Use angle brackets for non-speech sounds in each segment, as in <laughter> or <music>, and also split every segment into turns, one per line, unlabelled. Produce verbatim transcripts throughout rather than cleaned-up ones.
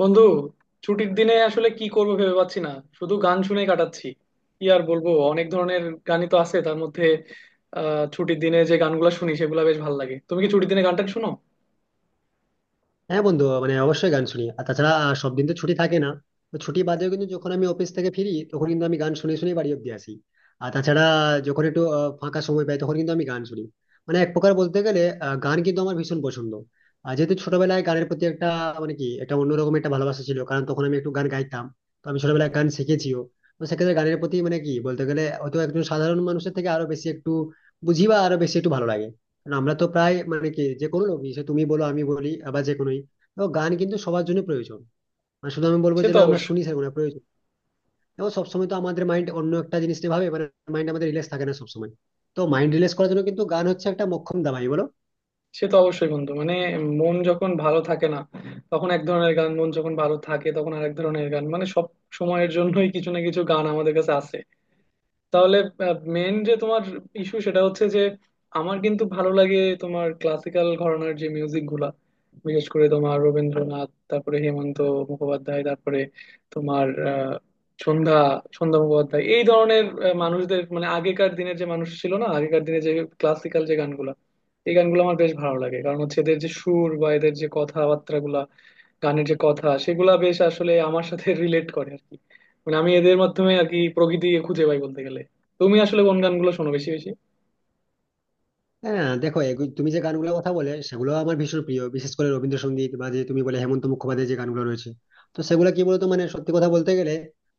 বন্ধু, ছুটির দিনে আসলে কি করবো ভেবে পাচ্ছি না। শুধু গান শুনেই কাটাচ্ছি। কি আর বলবো, অনেক ধরনের গানই তো আছে। তার মধ্যে আহ ছুটির দিনে যে গানগুলো শুনি সেগুলো বেশ ভালো লাগে। তুমি কি ছুটির দিনে গানটা শুনো?
হ্যাঁ বন্ধু, মানে অবশ্যই গান শুনি। আর তাছাড়া আহ, সব দিন তো ছুটি থাকে না। তো ছুটি বাদেও কিন্তু যখন আমি অফিস থেকে ফিরি, তখন কিন্তু আমি গান শুনে শুনে বাড়ি অব্দি আসি। আর তাছাড়া যখন একটু আহ, ফাঁকা সময় পাই, তখন কিন্তু আমি গান শুনি। মানে এক প্রকার বলতে গেলে আহ, গান কিন্তু আমার ভীষণ পছন্দ। আর যেহেতু ছোটবেলায় গানের প্রতি একটা, মানে কি, একটা অন্যরকম একটা ভালোবাসা ছিল, কারণ তখন আমি একটু গান গাইতাম। তো আমি ছোটবেলায় গান শিখেছিও। তো সেক্ষেত্রে গানের প্রতি, মানে কি বলতে গেলে, হয়তো একজন সাধারণ মানুষের থেকে আরো বেশি একটু বুঝি বা আরো বেশি একটু ভালো লাগে। কারণ আমরা তো প্রায়, মানে কি, যে কোনো লোকই, সে তুমি বলো, আমি বলি, আবার যে কোনোই। তো গান কিন্তু সবার জন্য প্রয়োজন। মানে শুধু আমি বলবো
সে
যে
তো
না, আমরা
অবশ্যই।
শুনি সেরকম না, প্রয়োজন। এবং সবসময় তো আমাদের মাইন্ড অন্য একটা জিনিস নিয়ে ভাবে, মানে মাইন্ড আমাদের রিল্যাক্স থাকে না সবসময়। তো মাইন্ড রিল্যাক্স করার জন্য কিন্তু গান হচ্ছে একটা মোক্ষম দাওয়াই, বলো।
সে তো অবশ্যই বন্ধু, মানে মন যখন ভালো থাকে না তখন এক ধরনের গান, মন যখন ভালো থাকে তখন আরেক ধরনের গান। মানে সব সময়ের জন্যই কিছু না কিছু গান আমাদের কাছে আছে। তাহলে মেন যে তোমার ইস্যু সেটা হচ্ছে যে আমার কিন্তু ভালো লাগে তোমার ক্লাসিক্যাল ঘরানার যে মিউজিক গুলা। বিশেষ করে তোমার রবীন্দ্রনাথ, তারপরে হেমন্ত মুখোপাধ্যায়, তারপরে তোমার আহ, সন্ধ্যা সন্ধ্যা মুখোপাধ্যায়, এই ধরনের আহ, মানুষদের, মানে আগেকার দিনের যে মানুষ ছিল না, আগেকার দিনে যে ক্লাসিক্যাল যে গানগুলা, এই গানগুলো আমার বেশ ভালো লাগে। কারণ হচ্ছে এদের যে সুর বা এদের যে কথাবার্তা গুলা, গানের যে কথা সেগুলা বেশ আসলে আমার সাথে <laughs> রিলেট করে আর কি। মানে আমি এদের মাধ্যমে আর কি প্রকৃতি খুঁজে পাই বলতে গেলে। তুমি আসলে কোন গানগুলো শোনো বেশি বেশি?
হ্যাঁ, দেখো, এগু- তুমি যে গানগুলোর কথা বলে সেগুলো আমার ভীষণ প্রিয়, বিশেষ করে রবীন্দ্রসঙ্গীত বা যে তুমি বলে হেমন্ত মুখোপাধ্যায়ের যে গানগুলো রয়েছে। তো সেগুলো কি বলতো, মানে সত্যি কথা বলতে গেলে,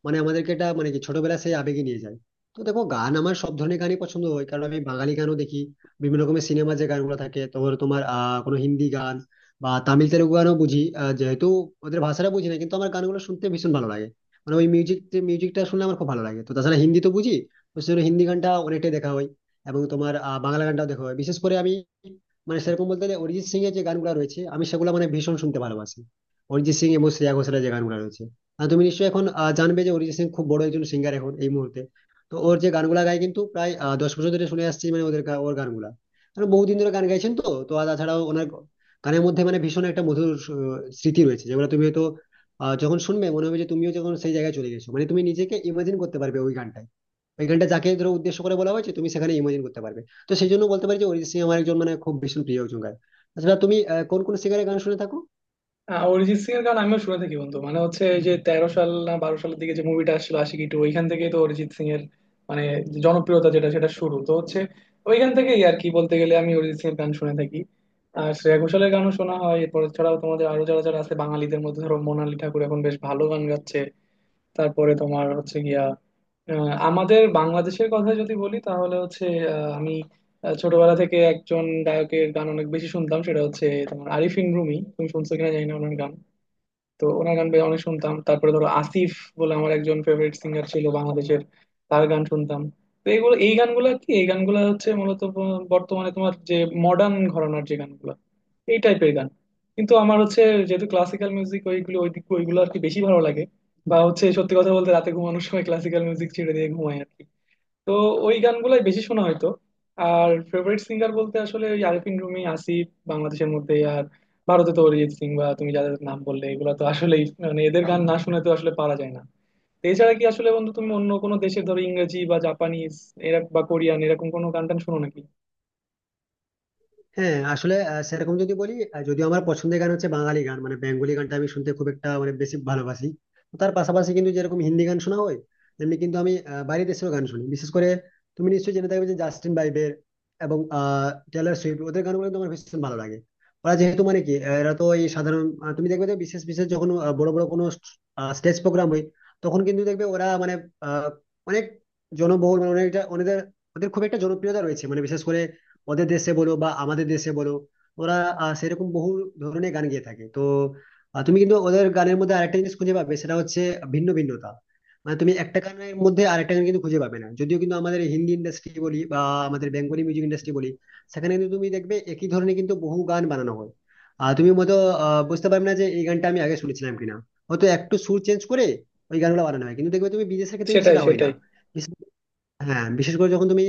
মানে আমাদেরকে এটা, মানে কি, ছোটবেলা সেই আবেগে নিয়ে যায়। তো দেখো, গান আমার সব ধরনের গানই পছন্দ হয়, কারণ আমি বাঙালি গানও দেখি। বিভিন্ন রকমের সিনেমা যে গানগুলো থাকে, তোমার তোমার আহ কোনো হিন্দি গান বা তামিল তেলুগু গানও বুঝি, আহ, যেহেতু ওদের ভাষাটা বুঝি না কিন্তু আমার গানগুলো শুনতে ভীষণ ভালো লাগে। মানে ওই মিউজিক মিউজিকটা শুনলে আমার খুব ভালো লাগে। তো তাছাড়া হিন্দি তো বুঝি, তো সেজন্য হিন্দি গানটা অনেকটাই দেখা হয়। এবং তোমার আহ, বাংলা গানটাও দেখো। বিশেষ করে আমি, মানে সেরকম বলতে গেলে, অরিজিৎ সিং এর যে গানগুলো রয়েছে আমি সেগুলো মানে ভীষণ শুনতে ভালোবাসি। অরিজিৎ সিং এবং শ্রেয়া ঘোষালের যে গানগুলো রয়েছে। আর তুমি নিশ্চয়ই এখন আহ, জানবে যে অরিজিৎ সিং খুব বড় একজন সিঙ্গার এখন এই মুহূর্তে। তো ওর যে গানগুলা গায় কিন্তু প্রায় আহ, দশ বছর ধরে শুনে আসছি, মানে ওদের গা- ওর গানগুলা। কারণ বহুদিন ধরে গান গাইছেন। তো তো আর তাছাড়াও ওনার গানের মধ্যে মানে ভীষণ একটা মধুর আহ, স্মৃতি রয়েছে, যেগুলো তুমি হয়তো আহ, যখন শুনবে মনে হবে যে তুমিও যখন সেই জায়গায় চলে গেছো, মানে তুমি নিজেকে ইমাজিন করতে পারবে ওই গানটা। ওই গানটা যাকে ধরো উদ্দেশ্য করে বলা হয়েছে তুমি সেখানে ইমাজিন করতে পারবে। তো সেই জন্য বলতে পারি যে অরিজিৎ সিং আমার একজন, মানে খুব ভীষণ প্রিয় একজন গায়ক। আচ্ছা, তুমি আহ, কোন কোন সিঙ্গারের গান শুনে থাকো?
আহ, অরিজিৎ সিং এর গান আমিও শুনে থাকি বন্ধু। মানে হচ্ছে এই যে তেরো সাল না বারো সালের দিকে যে মুভিটা আসছিল আশিকি টু, ওইখান থেকেই তো অরিজিৎ সিং এর মানে যে জনপ্রিয়তা, যেটা সেটা শুরু তো হচ্ছে ওইখান থেকেই আর কি। বলতে গেলে আমি অরিজিৎ সিং এর গান শুনে থাকি। আর শ্রেয়া ঘোষালের গানও শোনা হয়। এরপর ছাড়াও তোমাদের আরো যারা যারা আছে বাঙালিদের মধ্যে ধরো মোনালি ঠাকুর এখন বেশ ভালো গান গাচ্ছে। তারপরে তোমার হচ্ছে গিয়া আহ, আমাদের বাংলাদেশের কথা যদি বলি তাহলে হচ্ছে আহ, আমি আহ, ছোটবেলা থেকে একজন গায়কের গান অনেক বেশি শুনতাম, সেটা হচ্ছে তোমার আরিফিন রুমি। তুমি শুনছো কিনা জানি না ওনার গান। তো ওনার গান বেশ অনেক শুনতাম। তারপরে ধরো আসিফ বলে আমার একজন ফেভারিট সিঙ্গার ছিল বাংলাদেশের, তার গান শুনতাম। তো এইগুলো এই গানগুলো কি, এই গানগুলো হচ্ছে মূলত ব- বর্তমানে তোমার যে মডার্ন ঘরানার যে গানগুলো, এই টাইপের গান। কিন্তু আমার হচ্ছে যেহেতু ক্লাসিক্যাল মিউজিক, ওইগুলো ওই দিক, ওইগুলো আর কি বেশি ভালো লাগে। বা হচ্ছে, সত্যি কথা বলতে, রাতে ঘুমানোর সময় ক্লাসিক্যাল মিউজিক ছেড়ে দিয়ে ঘুমাই আর কি। তো ওই গানগুলাই বেশি শোনা হয়তো। আর ফেভারিট সিঙ্গার বলতে আসলে ওই আরিফিন রুমি, আসিফ বাংলাদেশের মধ্যে। আর ভারতে তো অরিজিৎ সিং বা তুমি যাদের নাম বললে, এগুলো তো আসলেই মানে এদের গান না শুনে তো আসলে পারা যায় না। তো এছাড়া কি আসলে বন্ধু তুমি অন্য কোনো দেশের ধরো ইংরেজি বা জাপানিজ এরকম বা কোরিয়ান এরকম কোনো গান টান শোনো নাকি?
হ্যাঁ, আসলে আহ, সেরকম যদি বলি, আহ, যদিও আমার পছন্দের গান হচ্ছে বাঙালি গান, মানে বেঙ্গলি গানটা আমি শুনতে খুব একটা মানে বেশি ভালোবাসি। তো তার পাশাপাশি কিন্তু যেরকম হিন্দি গান শোনা হয়, তেমনি কিন্তু আমি আহ, বাইরের দেশেও গান শুনি। বিশেষ করে তুমি নিশ্চয়ই জেনে থাকবে যে জাস্টিন বাইবের এবং আহ টেলর সুইফট, ওদের গানগুলো তো আমার ভীষণ ভালো লাগে। ওরা যেহেতু, মানে কি, আহ, এরা তো এই সাধারণ, আহ, তুমি দেখবে যে বিশেষ বিশেষ যখন আহ, বড় বড় কোনো স্টেজ প্রোগ্রাম হয়, তখন কিন্তু দেখবে ওরা মানে আহ, অনেক জনবহুল, মানে অনেকটা ওদের ওদের খুব একটা জনপ্রিয়তা রয়েছে, মানে বিশেষ করে ওদের দেশে বলো বা আমাদের দেশে বলো, ওরা আহ, সেরকম বহু ধরনের গান গেয়ে থাকে। তো আহ, তুমি কিন্তু ওদের গানের মধ্যে আরেকটা জিনিস খুঁজে পাবে, সেটা হচ্ছে ভিন্ন ভিন্নতা। মানে তুমি একটা গানের মধ্যে আরেকটা গান কিন্তু খুঁজে পাবে না, যদিও কিন্তু আমাদের হিন্দি ইন্ডাস্ট্রি বলি বা আমাদের বেঙ্গলি মিউজিক ইন্ডাস্ট্রি বলি, সেখানে কিন্তু তুমি দেখবে একই ধরনের কিন্তু বহু গান বানানো হয়। আর তুমি মতো আহ, বুঝতে পারবে না যে এই গানটা আমি আগে শুনেছিলাম কিনা। হয়তো একটু সুর চেঞ্জ করে ওই গানগুলো বানানো হয়, কিন্তু দেখবে তুমি বিদেশের ক্ষেত্রে কিন্তু
সেটাই
সেটা হয় না।
সেটাই।
হ্যাঁ, বিশেষ করে যখন তুমি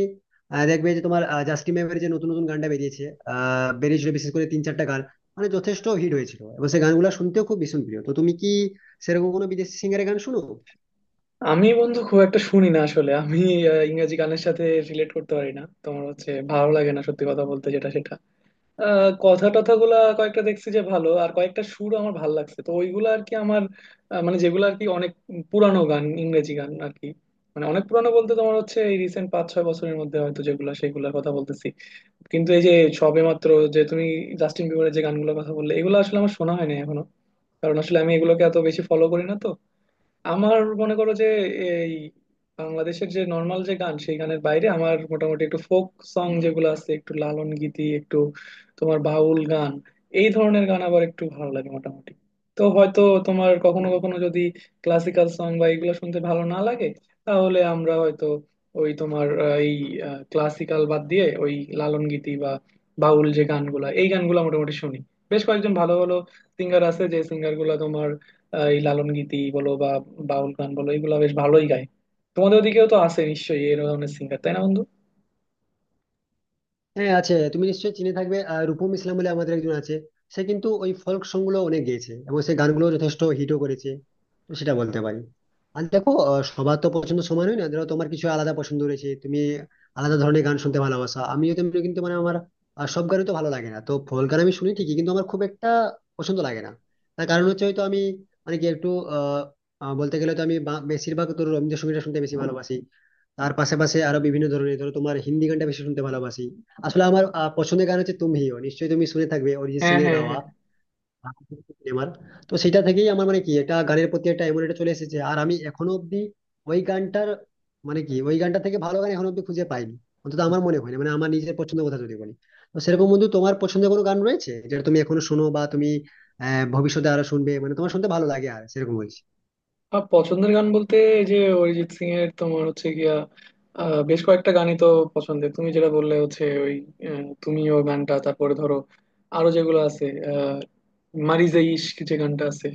আহ, দেখবে যে তোমার আহ, জাস্টিন বিবারের যে নতুন নতুন গানটা বেরিয়েছে, আহ বেরিয়েছিল বিশেষ করে তিন চারটা গান, মানে যথেষ্ট হিট হয়েছিল এবং সেই গানগুলো শুনতেও খুব ভীষণ প্রিয়। তো তুমি কি সেরকম কোনো বিদেশি সিঙ্গারের গান শুনো?
আমি বন্ধু খুব একটা শুনি না আসলে। আমি আহ, ইংরেজি গানের সাথে রিলেট করতে পারি না। তোমার হচ্ছে ভালো লাগে না, সত্যি কথা বলতে যেটা সেটা। আহ, কথা টথাগুলা কয়েকটা দেখছি যে ভালো, আর কয়েকটা সুর আমার ভালো লাগছে, তো ওইগুলো আর কি আমার আহ, মানে যেগুলো আর কি অনেক পুরানো গান, ইংরেজি গান আর কি। মানে অনেক পুরানো বলতে তোমার হচ্ছে এই রিসেন্ট পাঁচ ছয় বছরের মধ্যে হয়তো, যেগুলা সেগুলোর কথা বলতেছি। কিন্তু এই যে সবেমাত্র যে তুমি জাস্টিন বিবরের যে গানগুলোর কথা বললে, এগুলো আসলে আমার শোনা হয়নি এখনো। কারণ আসলে আমি এগুলোকে এত বেশি ফলো করি না। তো আমার মনে করো যে এই বাংলাদেশের যে নর্মাল যে গান, সেই গানের বাইরে আমার মোটামুটি একটু ফোক সং যেগুলো আছে, একটু লালন গীতি, একটু তোমার বাউল গান, এই ধরনের গান আবার একটু ভালো লাগে মোটামুটি। তো হয়তো তোমার কখনো কখনো যদি ক্লাসিক্যাল সং বা এগুলো শুনতে ভালো না লাগে, তাহলে আমরা হয়তো ওই তোমার আহ, এই ক্লাসিক্যাল বাদ দিয়ে ওই লালন গীতি বা বাউল যে গানগুলা, এই গানগুলো মোটামুটি শুনি। বেশ কয়েকজন ভালো ভালো সিঙ্গার আছে, যে সিঙ্গার গুলা তোমার আহ, এই লালন গীতি বলো বা বাউল গান বলো, এগুলো বেশ ভালোই গায়। তোমাদের ওদিকেও তো আছে নিশ্চয়ই এই ধরনের সিঙ্গার, তাই না বন্ধু?
হ্যাঁ আছে, তুমি নিশ্চয়ই চিনে থাকবে, আহ, রূপম ইসলাম বলে আমাদের একজন আছে। সে কিন্তু ওই ফোক সং গুলো অনেক গেয়েছে এবং সে গানগুলো যথেষ্ট হিটও করেছে। তো সেটা বলতে পারি। আর দেখো, আহ, সবার তো পছন্দ সমান হয় না। ধরো তোমার কিছু আলাদা পছন্দ রয়েছে, তুমি আলাদা ধরনের গান শুনতে ভালোবাসো, আমিও তেমনি। কিন্তু মানে আমার আহ, সব গানই তো ভালো লাগে না। তো ফোক গান আমি শুনি ঠিকই কিন্তু আমার খুব একটা পছন্দ লাগে না। তার কারণ হচ্ছে হয়তো আমি, মানে কি, একটু আহ আহ, বলতে গেলে তো আমি বা- বেশিরভাগ তো রবীন্দ্রসঙ্গীতটা শুনতে বেশি ভালোবাসি। তার পাশাপাশি আরো বিভিন্ন ধরনের, ধরো তোমার হিন্দি গানটা বেশি শুনতে ভালোবাসি। আসলে আমার আহ, পছন্দের গান হচ্ছে, তুমি হিও নিশ্চয়ই তুমি শুনে থাকবে অরিজিৎ
হ্যাঁ,
সিং এর
হ্যাঁ,
গাওয়া
হ্যাঁ।
আমার। তো সেটা থেকেই আমার, মানে কি, একটা গানের প্রতি একটা এমন একটা চলে এসেছে। আর আমি এখনো অব্দি ওই গানটার, মানে কি, ওই গানটা থেকে ভালো গান এখনো অব্দি খুঁজে পাইনি। অন্তত আমার মনে হয় না, মানে আমার নিজের পছন্দের কথা যদি বলি। তো সেরকম বন্ধু, তোমার পছন্দের কোনো গান রয়েছে যেটা তুমি এখনো শোনো বা তুমি আহ ভবিষ্যতে আরো শুনবে, মানে তোমার শুনতে ভালো লাগে আর সেরকম বলছি?
আর পছন্দের গান বলতে এই যে অরিজিৎ সিং এর তোমার হচ্ছে গিয়া আহ, বেশ কয়েকটা গানই তো পছন্দের। তুমি যেটা বললে হচ্ছে ওই আহ, তুমিও গানটা, তারপরে ধরো আরো যেগুলো আছে আহ মারি যে ইশক যে গানটা আছে।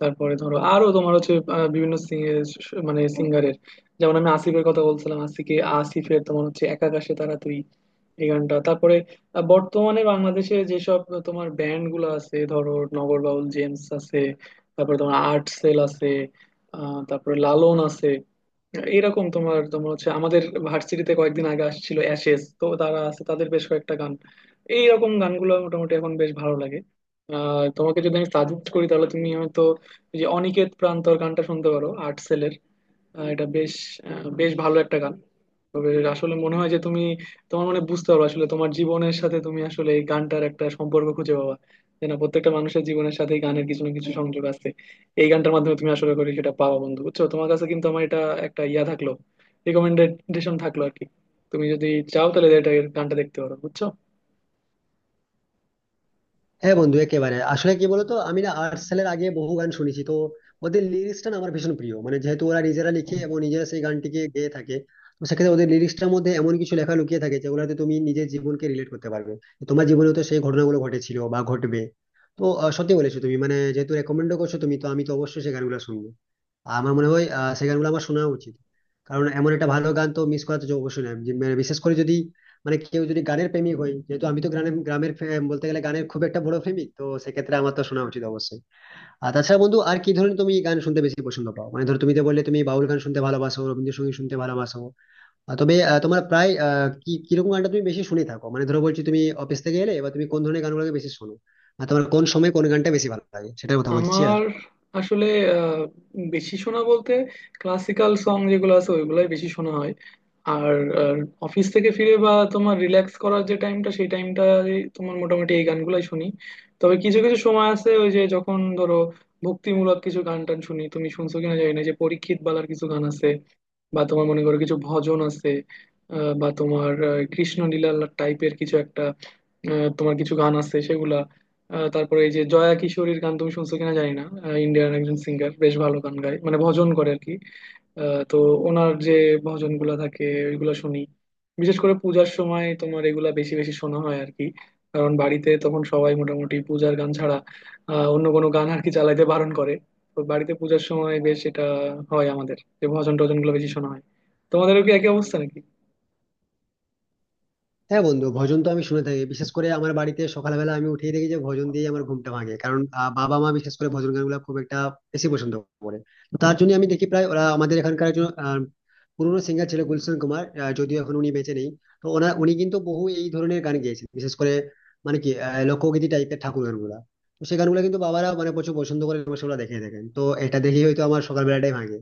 তারপরে ধরো আরো তোমার হচ্ছে আহ, বিভিন্ন sing- এর স- মানে সিঙ্গারের, যেমন আমি আসিফের কথা বলছিলাম, আসিকে আসিফের তোমার হচ্ছে এক আকাশে তারা তুই, এই গানটা। তারপরে আহ, বর্তমানে বাংলাদেশে যেসব তোমার ব্যান্ড গুলো আছে ধরো নগর বাউল জেমস আছে, তারপরে তোমার আর্ট সেল আছে, আহ তারপরে লালন আছে, এরকম তোমার তোমার হচ্ছে আমাদের ভার্সিটিতে কয়েকদিন আগে আসছিল অ্যাশেজ, তো তারা আছে, তাদের বেশ কয়েকটা গান, এইরকম গানগুলো মোটামুটি এখন বেশ ভালো লাগে। আর তোমাকে যদি আমি সাজেস্ট করি তাহলে তুমি হয়তো এই যে অনিকেত প্রান্তর গানটা শুনতে পারো আর্ট সেলের। এটা বেশ আহ, বেশ ভালো একটা গান। তবে আসলে মনে হয় যে তুমি তোমার মানে বুঝতে পারো আসলে তোমার জীবনের সাথে তুমি আসলে এই গানটার একটা সম্পর্ক খুঁজে পাবা। যে না, প্রত্যেকটা মানুষের জীবনের সাথে গানের কিছু না কিছু সংযোগ আছে, এই গানটার মাধ্যমে তুমি আসলে করে সেটা পাবা বন্ধু, বুঝছো? তোমার কাছে কিন্তু আমার এটা একটা ইয়া থাকলো, রিকমেন্ডেশন থাকলো আর কি। তুমি যদি চাও তাহলে এটা গানটা দেখতে পারো বুঝছো।
হ্যাঁ বন্ধু, একেবারে। আসলে কি বলতো, আমি না আর্টসেলের আগে বহু গান শুনেছি। তো ওদের লিরিক্সটা না আমার ভীষণ প্রিয়, মানে যেহেতু ওরা নিজেরা লিখে এবং নিজেরা সেই গানটিকে গেয়ে থাকে। তো সেক্ষেত্রে ওদের লিরিক্সটার মধ্যে এমন কিছু লেখা লুকিয়ে থাকে যেগুলোতে তুমি নিজের জীবনকে রিলেট করতে পারবে। তোমার জীবনে তো সেই ঘটনাগুলো ঘটেছিল বা ঘটবে। তো আহ, সত্যি বলেছো তুমি, মানে যেহেতু রেকমেন্ডও করছো তুমি, তো আমি তো অবশ্যই সেই গানগুলো শুনবো। আর আমার মনে হয় আহ, সেই গানগুলো আমার শোনা উচিত। কারণ এমন একটা ভালো গান তো মিস করা তো অবশ্যই না, যে- মানে বিশেষ করে যদি, মানে কেউ যদি গানের প্রেমিক হয়। যেহেতু আমি তো গ্রামের গ্রামের ফে- বলতে গেলে গানের খুব একটা বড় প্রেমিক, তো সেক্ষেত্রে আমার তো শোনা উচিত অবশ্যই। আর তাছাড়া বন্ধু, আর কি ধরনের তুমি গান শুনতে বেশি পছন্দ পাও? মানে ধরো তুমি তো বললে তুমি বাউল গান শুনতে ভালোবাসো, রবীন্দ্রসঙ্গীত শুনতে ভালোবাসো। আহ, তবে আহ, তোমার প্রায় আহ, কি কিরকম গানটা তুমি বেশি শুনে থাকো? মানে ধরো বলছি, তুমি অফিস থেকে এলে বা তুমি কোন ধরনের গানগুলোকে বেশি শোনো? আর তোমার কোন সময় কোন গানটা বেশি ভালো লাগে, সেটার কথা বলছি।
আমার আসলে আহ, বেশি শোনা বলতে ক্লাসিক্যাল সং যেগুলো আছে, ওইগুলাই বেশি শোনা হয়। আর অফিস থেকে ফিরে বা তোমার রিল্যাক্স করার যে টাইমটা, সেই টাইমটা তোমার মোটামুটি এই গানগুলাই শুনি। তবে কিছু কিছু সময় আছে ওই যে যখন ধরো ভক্তিমূলক কিছু গান টান শুনি। তুমি শুনছো কিনা জানি না, যে পরীক্ষিত বালার কিছু গান আছে, বা তোমার মনে করো কিছু ভজন আছে, আহ, বা তোমার আহ, কৃষ্ণলীলা টাইপের কিছু একটা, আহ, তোমার কিছু গান আছে সেগুলা। আহ, তারপরে এই যে জয়া কিশোরীর গান তুমি শুনছো কিনা জানি না। ইন্ডিয়ান একজন সিঙ্গার, বেশ ভালো গান গায়, মানে ভজন করে আর কি। আহ, তো ওনার যে ভজন গুলা থাকে ওইগুলা শুনি, বিশেষ করে পূজার সময় তোমার এগুলা বেশি বেশি শোনা হয় আর কি। কারণ বাড়িতে তখন সবাই মোটামুটি পূজার গান ছাড়া আহ, অন্য কোনো গান আর কি চালাইতে বারণ করে। তো বাড়িতে পূজার সময় বেশ এটা হয়, আমাদের যে ভজন টজন গুলো বেশি শোনা হয়। তোমাদেরও কি একই অবস্থা নাকি?
হ্যাঁ বন্ধু, ভজন তো আমি শুনে থাকি। বিশেষ করে আমার বাড়িতে সকালবেলা আমি উঠেই দেখি যে ভজন দিয়ে আমার ঘুমটা ভাঙে, কারণ আহ, বাবা মা বিশেষ করে ভজন গানগুলো খুব একটা বেশি পছন্দ করে। তো তার জন্য আমি দেখি, প্রায় ওরা আমাদের এখানকার একজন আহ, পুরনো সিঙ্গার ছিল গুলশান কুমার, আহ, যদিও এখন উনি বেঁচে নেই। তো ওনার, উনি কিন্তু বহু এই ধরনের গান গেয়েছেন, বিশেষ করে, মানে কি, আহ, লোকগীতি টাইপের ঠাকুর গানগুলা। তো সেই গানগুলো কিন্তু বাবারা মানে প্রচুর পছন্দ করে এবং সেগুলো দেখে দেখেন, তো এটা দেখেই হয়তো আমার সকালবেলাটাই ভাঙে।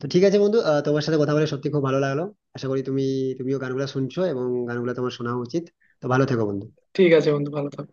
তো ঠিক আছে বন্ধু, আহ, তোমার সাথে কথা বলে সত্যি খুব ভালো লাগলো। আশা করি তুমি তুমিও গানগুলো শুনছো এবং গানগুলো তোমার শোনা উচিত। তো ভালো থেকো বন্ধু।
ঠিক আছে বন্ধু, ভালো থাকো।